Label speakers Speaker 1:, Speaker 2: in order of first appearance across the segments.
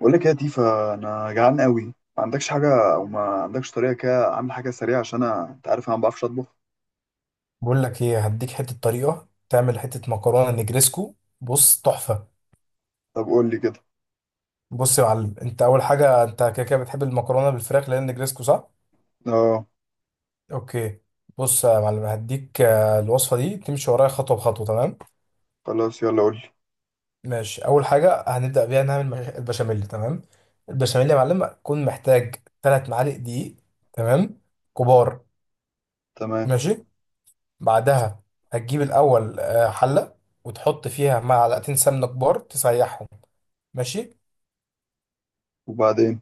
Speaker 1: بقول لك يا تيفا، انا جعان قوي. ما عندكش حاجه او ما عندكش طريقه كده اعمل حاجه سريعه؟ عشان انا انت عارف انا ما بعرفش اطبخ.
Speaker 2: بقول لك ايه، هديك حته طريقه تعمل حته مكرونه نجريسكو. بص تحفه.
Speaker 1: طب قول لي كده.
Speaker 2: بص يا معلم، انت اول حاجه انت كده كده بتحب المكرونه بالفراخ لان نجريسكو، صح؟
Speaker 1: اه.
Speaker 2: اوكي. بص يا معلم هديك الوصفه دي تمشي ورايا خطوه بخطوه، تمام؟
Speaker 1: خلاص يلا قول لي.
Speaker 2: ماشي، اول حاجه هنبدا بيها نعمل البشاميل. تمام. البشاميل يا معلم هتكون محتاج 3 معالق دقيق، تمام، كبار.
Speaker 1: تمام.
Speaker 2: ماشي. بعدها هتجيب الاول حله وتحط فيها معلقتين سمنه كبار تسيحهم. ماشي.
Speaker 1: وبعدين؟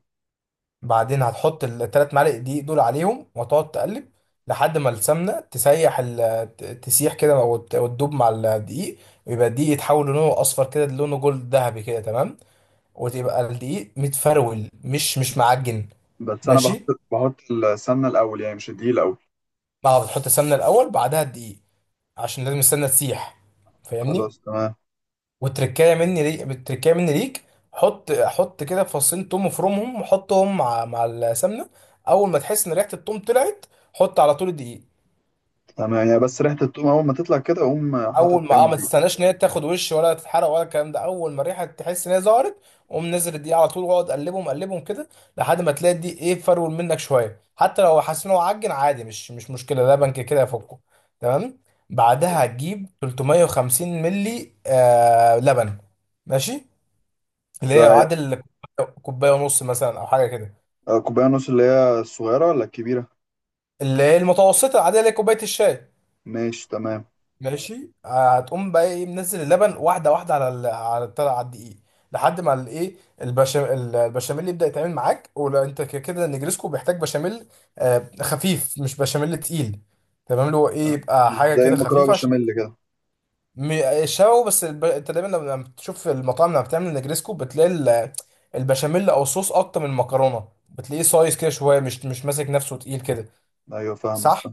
Speaker 2: بعدين هتحط الثلاث معالق دقيق دول عليهم وتقعد تقلب لحد ما السمنه تسيح كده وتدوب مع الدقيق، ويبقى الدقيق يتحول لونه اصفر كده، لونه جولد ذهبي كده، تمام. وتبقى الدقيق متفرول مش معجن.
Speaker 1: بس انا بحط
Speaker 2: ماشي.
Speaker 1: بحط السمنه الاول، يعني مش الدقيق الاول؟
Speaker 2: بعد بتحط السمنه الاول بعدها الدقيق، عشان لازم السمنه تسيح، فاهمني؟
Speaker 1: خلاص تمام.
Speaker 2: والتركايه مني ليك، التركايه مني ليك، حط كده فصين توم وفرمهم وحطهم مع السمنه. اول ما تحس ان ريحه التوم طلعت، حط على طول الدقيق.
Speaker 1: تمام يعني، بس ريحه الثوم اول ما تطلع كده اقوم حاطط
Speaker 2: اول ما
Speaker 1: فيهم
Speaker 2: اه ما
Speaker 1: الدقيق؟
Speaker 2: تستناش ان هي تاخد وش ولا تتحرق ولا الكلام ده، اول ما الريحه تحس ان هي ظهرت، قوم نزل الدقيق على طول واقعد قلبهم كده لحد ما تلاقي الدقيق ايه، فرول منك شويه. حتى لو حاسس ان هو عجن عادي مش مشكله، لبن كده كده يفكه، تمام. بعدها هتجيب 350 ملي لبن. ماشي. اللي هي
Speaker 1: ده
Speaker 2: عادل كوبايه ونص مثلا او حاجه كده،
Speaker 1: كوبايه ونص اللي هي الصغيره ولا الكبيره؟
Speaker 2: اللي هي المتوسطه العاديه اللي هي كوبايه الشاي.
Speaker 1: ماشي تمام.
Speaker 2: ماشي. هتقوم بقى ايه منزل اللبن واحده واحده على الطلع على الدقيق لحد ما الايه، البشاميل، البشاميل يبدا يتعمل معاك. ولو انت كده كده النجريسكو بيحتاج بشاميل آه خفيف، مش بشاميل تقيل. تمام، اللي هو ايه
Speaker 1: آه،
Speaker 2: يبقى
Speaker 1: مش
Speaker 2: حاجه
Speaker 1: زي
Speaker 2: كده
Speaker 1: المكرونه
Speaker 2: خفيفه، عشان
Speaker 1: بشاميل كده.
Speaker 2: انت دايما لما بتشوف المطاعم لما بتعمل نجريسكو بتلاقي البشاميل او صوص اكتر من المكرونه، بتلاقيه سايز كده شويه، مش ماسك نفسه تقيل كده،
Speaker 1: ايوه فاهم.
Speaker 2: صح؟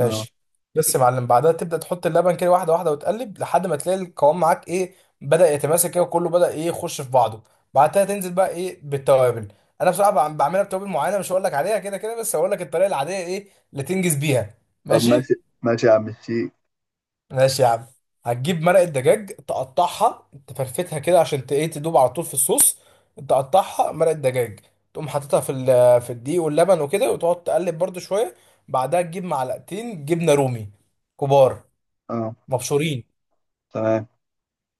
Speaker 1: اه.
Speaker 2: بس يا معلم بعدها تبدا تحط اللبن كده واحده واحده وتقلب لحد ما تلاقي القوام معاك ايه، بدا يتماسك كده، وكله بدا ايه يخش في بعضه. بعدها تنزل بقى ايه بالتوابل. انا بصراحه بعملها بتوابل معينه مش هقول لك عليها كده كده، بس هقول لك الطريقه العاديه ايه اللي تنجز بيها.
Speaker 1: طب
Speaker 2: ماشي.
Speaker 1: ماشي. ماشي يا عم الشيخ.
Speaker 2: ماشي يا عم. هتجيب مرقة دجاج تقطعها تفرفتها كده عشان ايه تدوب على طول في الصوص. تقطعها مرقة دجاج، تقوم حاططها في الدقيق واللبن وكده وتقعد تقلب برضو شوية. بعدها تجيب معلقتين جبنة رومي كبار
Speaker 1: اه.
Speaker 2: مبشورين.
Speaker 1: تمام.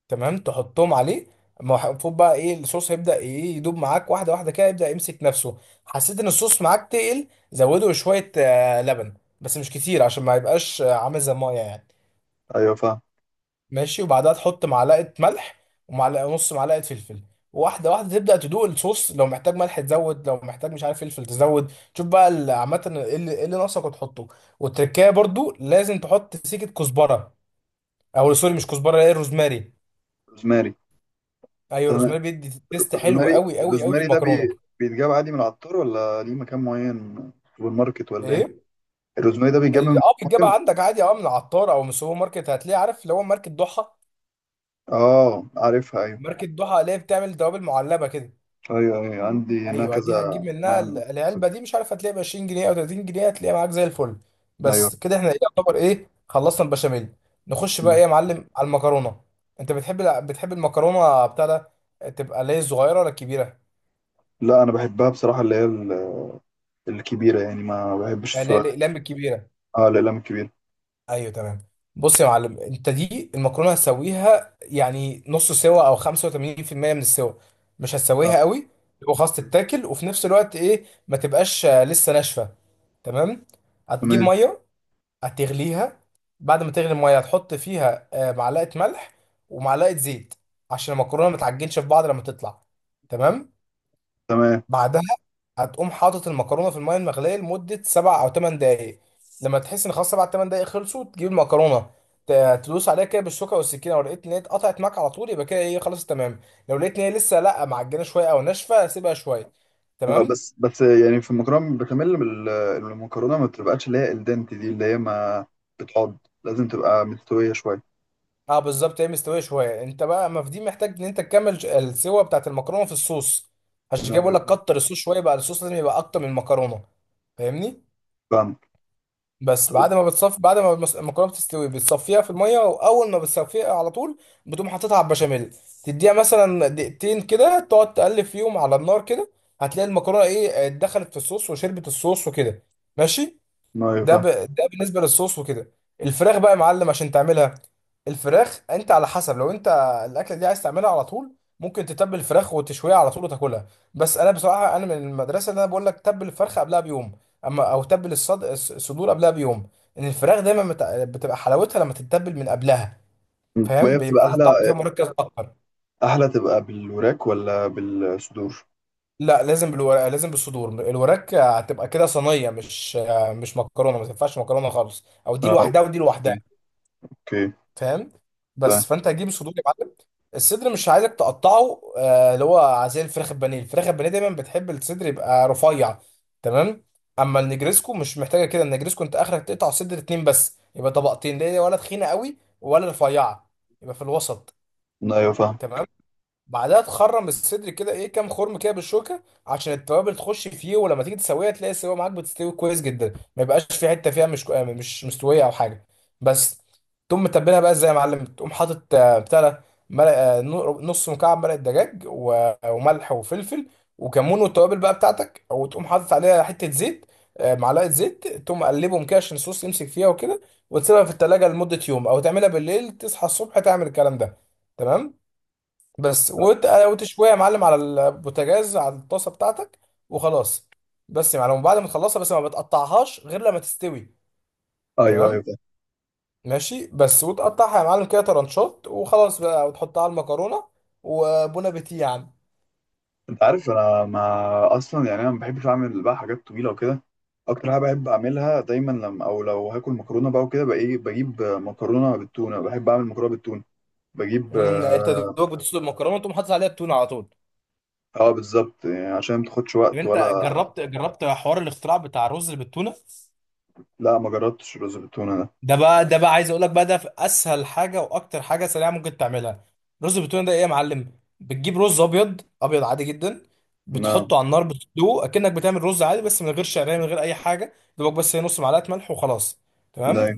Speaker 2: تمام، تحطهم عليه. ما هو المفروض بقى ايه الصوص هيبدأ ايه يدوب معاك واحدة واحدة كده، يبدأ يمسك نفسه. حسيت ان الصوص معاك تقل، زوده شوية لبن، بس مش كتير عشان ما يبقاش عامل زي المية يعني.
Speaker 1: ايوه فاهم.
Speaker 2: ماشي. وبعدها تحط معلقه ملح نص معلقه فلفل، واحده واحده تبدا تدوق الصوص. لو محتاج ملح تزود، لو محتاج مش عارف فلفل تزود، شوف بقى عامه ايه اللي إيه اللي ناقصك وتحطه. والتركية برضو لازم تحط سيكه كزبره، او سوري مش كزبره، ايه، الروزماري.
Speaker 1: روزماري.
Speaker 2: ايوه،
Speaker 1: تمام.
Speaker 2: الروزماري بيدي تيست حلو
Speaker 1: روزماري.
Speaker 2: قوي قوي قوي في
Speaker 1: الروزماري ده
Speaker 2: المكرونه.
Speaker 1: بيتجاب عادي من العطار، ولا ليه مكان معين سوبر ماركت ولا ايه؟
Speaker 2: ايه؟
Speaker 1: الروزماري ده بيتجاب
Speaker 2: اللي
Speaker 1: من
Speaker 2: اه
Speaker 1: مكان
Speaker 2: بتجيبها
Speaker 1: معين؟
Speaker 2: عندك عادي، اه من العطار او من السوبر ماركت، هتلاقي عارف اللي هو ماركه ضحى.
Speaker 1: اه عارفها، ايوه
Speaker 2: ماركه ضحى اللي هي بتعمل توابل معلبه كده.
Speaker 1: ايوه. ايوه، عندي هنا
Speaker 2: ايوه، دي هتجيب
Speaker 1: كذا نوع
Speaker 2: منها العلبه دي، مش عارف هتلاقي ب 20 جنيه او 30 جنيه، هتلاقيها معاك زي الفل.
Speaker 1: ايوه.
Speaker 2: بس كده احنا إيه يعتبر ايه خلصنا البشاميل. نخش بقى
Speaker 1: مم.
Speaker 2: ايه يا معلم على المكرونه. انت بتحب المكرونه بتاع ده، تبقى اللي هي الصغيره ولا الكبيره؟
Speaker 1: لا انا بحبها بصراحه، اللي هي الكبيره، يعني ما بحبش
Speaker 2: يعني اللي
Speaker 1: السؤال.
Speaker 2: هي الاقلام الكبيره.
Speaker 1: اه، الاقلام الكبيره.
Speaker 2: ايوه تمام. بص يا معلم، انت دي المكرونه هتسويها يعني نص سوا او 85% من السوا، مش
Speaker 1: اه.
Speaker 2: هتسويها قوي، يبقى خلاص تتاكل وفي نفس الوقت ايه ما تبقاش لسه ناشفه. تمام. هتجيب
Speaker 1: تمام.
Speaker 2: ميه، هتغليها. بعد ما تغلي الميه هتحط فيها معلقه ملح ومعلقه زيت عشان المكرونه ما تعجنش في بعض لما تطلع. تمام.
Speaker 1: تمام.
Speaker 2: بعدها هتقوم حاطط المكرونه في الميه المغليه لمده سبع او ثمان دقائق. لما تحس ان خلاص سبع ثمان دقائق خلصوا، تجيب المكرونه تدوس عليها كده بالشوكه والسكينه. لو لقيت ان هي اتقطعت معاك على طول يبقى كده ايه خلاص تمام. لو لقيت ان هي لسه لا معجنه شويه او ناشفه، سيبها شويه. تمام.
Speaker 1: بس بس يعني، في المكرونه بشاميل المكرونه ما بتبقاش اللي هي الدنت دي، اللي هي ما بتقعد؟ لازم تبقى مستويه شويه.
Speaker 2: اه بالظبط، هي مستويه شويه، انت بقى ما في دي محتاج ان انت تكمل السوا بتاعت المكرونه في الصوص. عشان كده بقول
Speaker 1: أيوة،
Speaker 2: لك كتر الصوص شويه، بقى الصوص لازم يبقى اكتر من المكرونه، فاهمني؟
Speaker 1: فاهم.
Speaker 2: بس بعد ما بتصف، بعد ما المكرونه بتستوي بتصفيها في الميه، واول ما بتصفيها على طول بتقوم حاططها على البشاميل، تديها مثلا دقيقتين كده تقعد تقلب فيهم على النار كده. هتلاقي المكرونه ايه دخلت في الصوص وشربت الصوص وكده. ماشي.
Speaker 1: ما فاهم.
Speaker 2: ده بالنسبه للصوص وكده. الفراخ بقى يا معلم عشان تعملها. الفراخ انت على حسب، لو انت الاكله دي عايز تعملها على طول، ممكن تتبل الفراخ وتشويها على طول وتاكلها. بس انا بصراحه انا من المدرسه اللي انا بقول لك تبل الفرخه قبلها بيوم، اما او تبل الصدور قبلها بيوم. ان الفراخ دايما بتبقى حلاوتها لما تتبل من قبلها،
Speaker 1: طب
Speaker 2: فاهم؟
Speaker 1: هي بتبقى
Speaker 2: بيبقى الطعم فيها
Speaker 1: احلى؟
Speaker 2: مركز اكتر.
Speaker 1: احلى تبقى بالوراك ولا بالصدور؟
Speaker 2: لا، لازم بالورق، لازم بالصدور. الوراك هتبقى كده صينيه، مش مكرونه، ما تنفعش مكرونه خالص، او دي
Speaker 1: اه.
Speaker 2: لوحدها ودي
Speaker 1: اوكي.
Speaker 2: لوحدها،
Speaker 1: اوكي.
Speaker 2: فاهم؟ بس
Speaker 1: فاهم.
Speaker 2: فانت هتجيب الصدور يا معلم. الصدر مش عايزك تقطعه اللي هو زي الفراخ البانيه. الفراخ البانيه دايما بتحب الصدر يبقى رفيع، تمام. اما النجريسكو مش محتاجه كده، النجريسكو انت اخرك تقطع الصدر اتنين بس، يبقى طبقتين ليه، ولا تخينه قوي ولا رفيعه، يبقى في الوسط.
Speaker 1: ايوه فاهم.
Speaker 2: تمام. بعدها تخرم الصدر كده ايه كام خرم كده بالشوكه عشان التوابل تخش فيه، ولما تيجي تسويها تلاقي السوا معاك بتستوي كويس جدا، ما يبقاش في حته فيها مش كو- آه، مش مستويه او حاجه، بس. تقوم متبلها بقى ازاي يا معلم؟ تقوم حاطط بتاع ده نص مكعب مرقه دجاج وملح وفلفل وكمون والتوابل بقى بتاعتك، وتقوم حاطط عليها حته زيت، معلقه زيت. تقوم قلبهم كده عشان الصوص يمسك فيها وكده، وتسيبها في التلاجة لمده يوم، او تعملها بالليل تصحى الصبح تعمل الكلام ده. تمام. بس وتشويها يا معلم على البوتاجاز على الطاسه بتاعتك، وخلاص. بس يا معلم بعد ما تخلصها، بس ما بتقطعهاش غير لما تستوي.
Speaker 1: ايوه ايوه
Speaker 2: تمام.
Speaker 1: فاهم.
Speaker 2: ماشي. بس وتقطعها يا معلم كده ترانشات وخلاص بقى، وتحطها على المكرونه، وبون ابيتي يا عم.
Speaker 1: انت عارف انا ما اصلا، يعني انا ما بحبش اعمل بقى حاجات طويله وكده. اكتر حاجه بحب اعملها دايما لما او لو هاكل مكرونه بقى وكده، بقى ايه، بجيب مكرونه بالتونه. بحب اعمل مكرونه بالتونه. بجيب،
Speaker 2: مم، انت
Speaker 1: اه.
Speaker 2: دوبك بتسلق المكرونه وتقوم حاطط عليها التونه على طول.
Speaker 1: بالظبط، يعني عشان ما تاخدش
Speaker 2: طب
Speaker 1: وقت
Speaker 2: انت
Speaker 1: ولا.
Speaker 2: جربت، جربت حوار الاختراع بتاع الرز اللي بالتونه؟
Speaker 1: لا ما جربتش الرز بالتونه ده.
Speaker 2: ده بقى عايز اقول لك بقى، ده في اسهل حاجه واكتر حاجه سريعه ممكن تعملها. رز بالتونه ده ايه يا معلم؟ بتجيب رز ابيض ابيض عادي جدا،
Speaker 1: لا.
Speaker 2: بتحطه على النار بتسلقه اكنك بتعمل رز عادي، بس من غير شعريه من غير اي حاجه، دوبك بس هي نص معلقه ملح وخلاص. تمام.
Speaker 1: لا.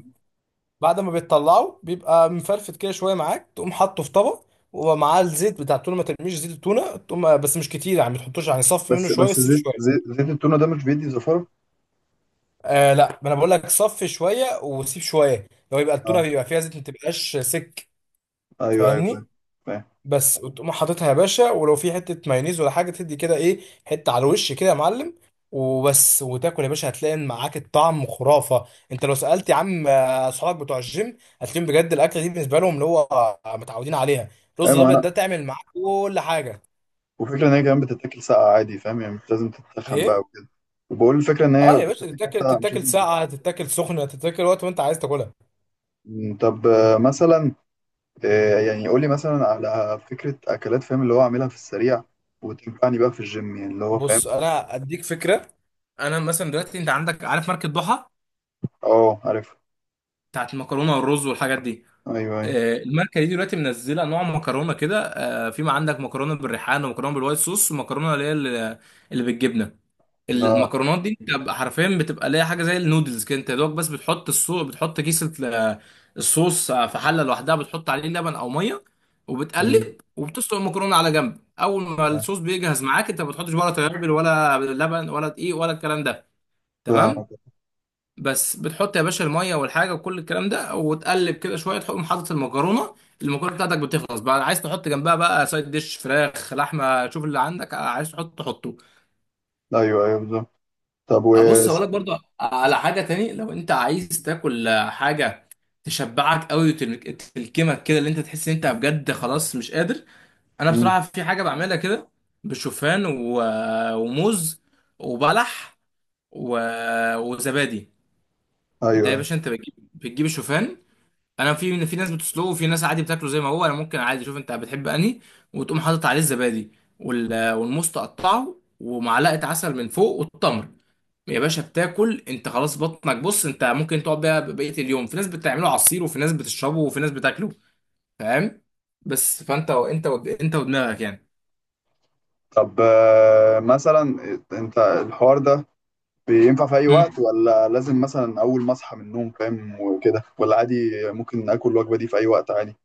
Speaker 2: بعد ما بتطلعه بيبقى مفرفت كده شويه معاك، تقوم حاطه في طبق ومعاه الزيت بتاع التونه، ما ترميش زيت التونه تقوم، بس مش كتير يعني ما تحطوش، يعني صفي منه
Speaker 1: بس
Speaker 2: شويه
Speaker 1: بس،
Speaker 2: وسيب شويه.
Speaker 1: زيت التونه ده مش بيدي زفاره؟
Speaker 2: آه لا، ما انا بقول لك صفي شويه وسيب شويه، لو يبقى التونه
Speaker 1: آه.
Speaker 2: بيبقى فيها زيت ما تبقاش سك،
Speaker 1: ايوه ايوه فاهم.
Speaker 2: فاهمني؟
Speaker 1: فاهم.
Speaker 2: بس وتقوم حاططها يا باشا، ولو في حته مايونيز ولا حاجه تدي كده ايه حته على الوش كده يا معلم، وبس وتاكل يا باشا، هتلاقي إن معاك الطعم خرافه. انت لو سالت يا عم اصحابك بتوع الجيم هتلاقيهم بجد الاكله دي بالنسبه لهم اللي هو متعودين عليها.
Speaker 1: ايوه
Speaker 2: الرز
Speaker 1: ما
Speaker 2: الابيض
Speaker 1: انا.
Speaker 2: ده تعمل معاك كل حاجه.
Speaker 1: وفكره ان هي كمان بتتاكل ساقعه عادي، فاهم، يعني مش لازم تتخن بقى
Speaker 2: ايه؟
Speaker 1: وكده. وبقول، الفكره ان
Speaker 2: اه
Speaker 1: هي
Speaker 2: يا باشا
Speaker 1: بتتاكل
Speaker 2: تتاكل،
Speaker 1: ساقعه، مش
Speaker 2: تتاكل
Speaker 1: لازم تتخن.
Speaker 2: ساقعه، تتاكل سخنه، تتاكل وقت ما انت عايز تاكلها.
Speaker 1: طب، مثلا، يعني قول لي مثلا على فكره اكلات، فاهم، اللي هو اعملها في السريع وتنفعني بقى في الجيم، يعني اللي هو فاهم.
Speaker 2: بص انا اديك فكره. انا مثلا دلوقتي انت عندك، عارف ماركه ضحى
Speaker 1: اه عارف.
Speaker 2: بتاعت المكرونه والرز والحاجات دي؟
Speaker 1: ايوه ايوه.
Speaker 2: الماركه دي دلوقتي منزله انواع مكرونه كده في، ما عندك مكرونه بالريحان، ومكرونه بالوايت صوص، ومكرونه اللي هي اللي بالجبنه.
Speaker 1: لا.
Speaker 2: المكرونات دي انت بقى حرفيا بتبقى ليها حاجه زي النودلز كده، انت يا دوبك بس بتحط الصوص، بتحط كيسه الصوص في حله لوحدها، بتحط عليه لبن او ميه
Speaker 1: أمم،
Speaker 2: وبتقلب، وبتسلق المكرونه على جنب. اول ما الصوص بيجهز معاك، انت ما بتحطش ولا توابل ولا لبن ولا دقيق ولا الكلام ده.
Speaker 1: فاهم.
Speaker 2: تمام. بس بتحط يا باشا الميه والحاجه وكل الكلام ده وتقلب كده شويه، تقوم حاطط المكرونه. المكرونه بتاعتك بتخلص بقى، عايز تحط جنبها بقى سايد ديش فراخ لحمه، شوف اللي عندك عايز تحط تحطه.
Speaker 1: ايوه ايوه بالظبط. طب و
Speaker 2: ابص اقول لك برضو على حاجه تاني، لو انت عايز تاكل حاجه تشبعك قوي وتلكمك كده اللي انت تحس ان انت بجد خلاص مش قادر، انا
Speaker 1: أمم،
Speaker 2: بصراحه في حاجه بعملها كده بالشوفان وموز وبلح و... وزبادي. ده
Speaker 1: ايوه
Speaker 2: يا
Speaker 1: ايوه.
Speaker 2: باشا انت بتجيب الشوفان، انا في ناس بتسلقه وفي ناس عادي بتاكله زي ما هو، انا ممكن عادي، شوف انت بتحب انهي، وتقوم حاطط عليه الزبادي والموز تقطعه ومعلقه عسل من فوق والتمر. يا باشا بتاكل انت خلاص، بطنك بص انت ممكن تقعد بيها بقيه اليوم. في ناس بتعمله عصير، وفي ناس بتشربه، وفي ناس بتاكله، فاهم؟ بس فانت انت ودماغك يعني.
Speaker 1: طب، مثلا إيه، انت الحوار ده بينفع في اي وقت، ولا لازم مثلا اول ما اصحى من النوم، فاهم وكده، ولا عادي؟ ممكن اكل الوجبه دي في اي وقت عادي؟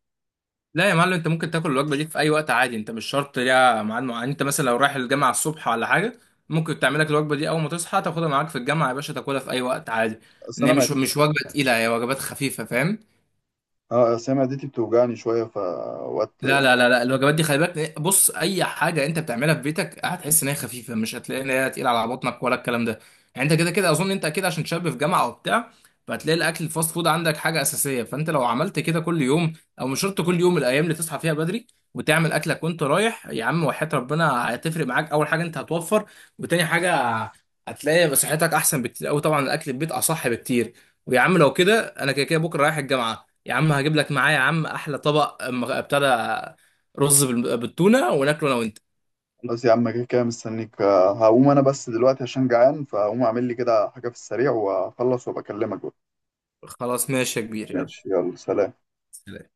Speaker 2: لا يا معلم، انت ممكن تاكل الوجبه دي في اي وقت عادي. انت مش شرط ليها ميعاد معين، انت مثلا لو رايح الجامعه الصبح ولا حاجه، ممكن تعمل لك الوجبه دي اول ما تصحى تاخدها معاك في الجامعه يا باشا، تاكلها في اي وقت عادي.
Speaker 1: اصل
Speaker 2: ان
Speaker 1: انا
Speaker 2: هي مش
Speaker 1: معدتي.
Speaker 2: مش وجبه تقيله، هي وجبات خفيفه، فاهم؟
Speaker 1: اه، اصل أنا معدتي بتوجعني شويه فوقت.
Speaker 2: لا لا لا لا، الوجبات دي خلي بالك، بص، اي حاجه انت بتعملها في بيتك هتحس ان هي خفيفه، مش هتلاقي ان هي تقيله على بطنك ولا الكلام ده. يعني انت كده كده اظن انت اكيد عشان شاب في جامعه وبتاع، فهتلاقي الاكل الفاست فود عندك حاجه اساسيه، فانت لو عملت كده كل يوم، او مش شرط كل يوم، الايام اللي تصحى فيها بدري وتعمل اكلك وانت رايح يا عم، وحياة ربنا هتفرق معاك. اول حاجه انت هتوفر، وتاني حاجه هتلاقي صحتك احسن بكتير قوي. طبعا الاكل في البيت اصح بكتير. ويا عم لو كده انا كده كده بكره رايح الجامعه، يا عم هجيب لك معايا يا عم احلى طبق ابتدى رز بالتونه وناكله انا وانت.
Speaker 1: خلاص يا عم، كده كده مستنيك. هقوم انا بس دلوقتي عشان جعان، فهقوم اعمل لي كده حاجه في السريع واخلص وبكلمك بقى.
Speaker 2: خلاص ماشي يا كبير، يلا.
Speaker 1: ماشي، يلا سلام.
Speaker 2: سلام.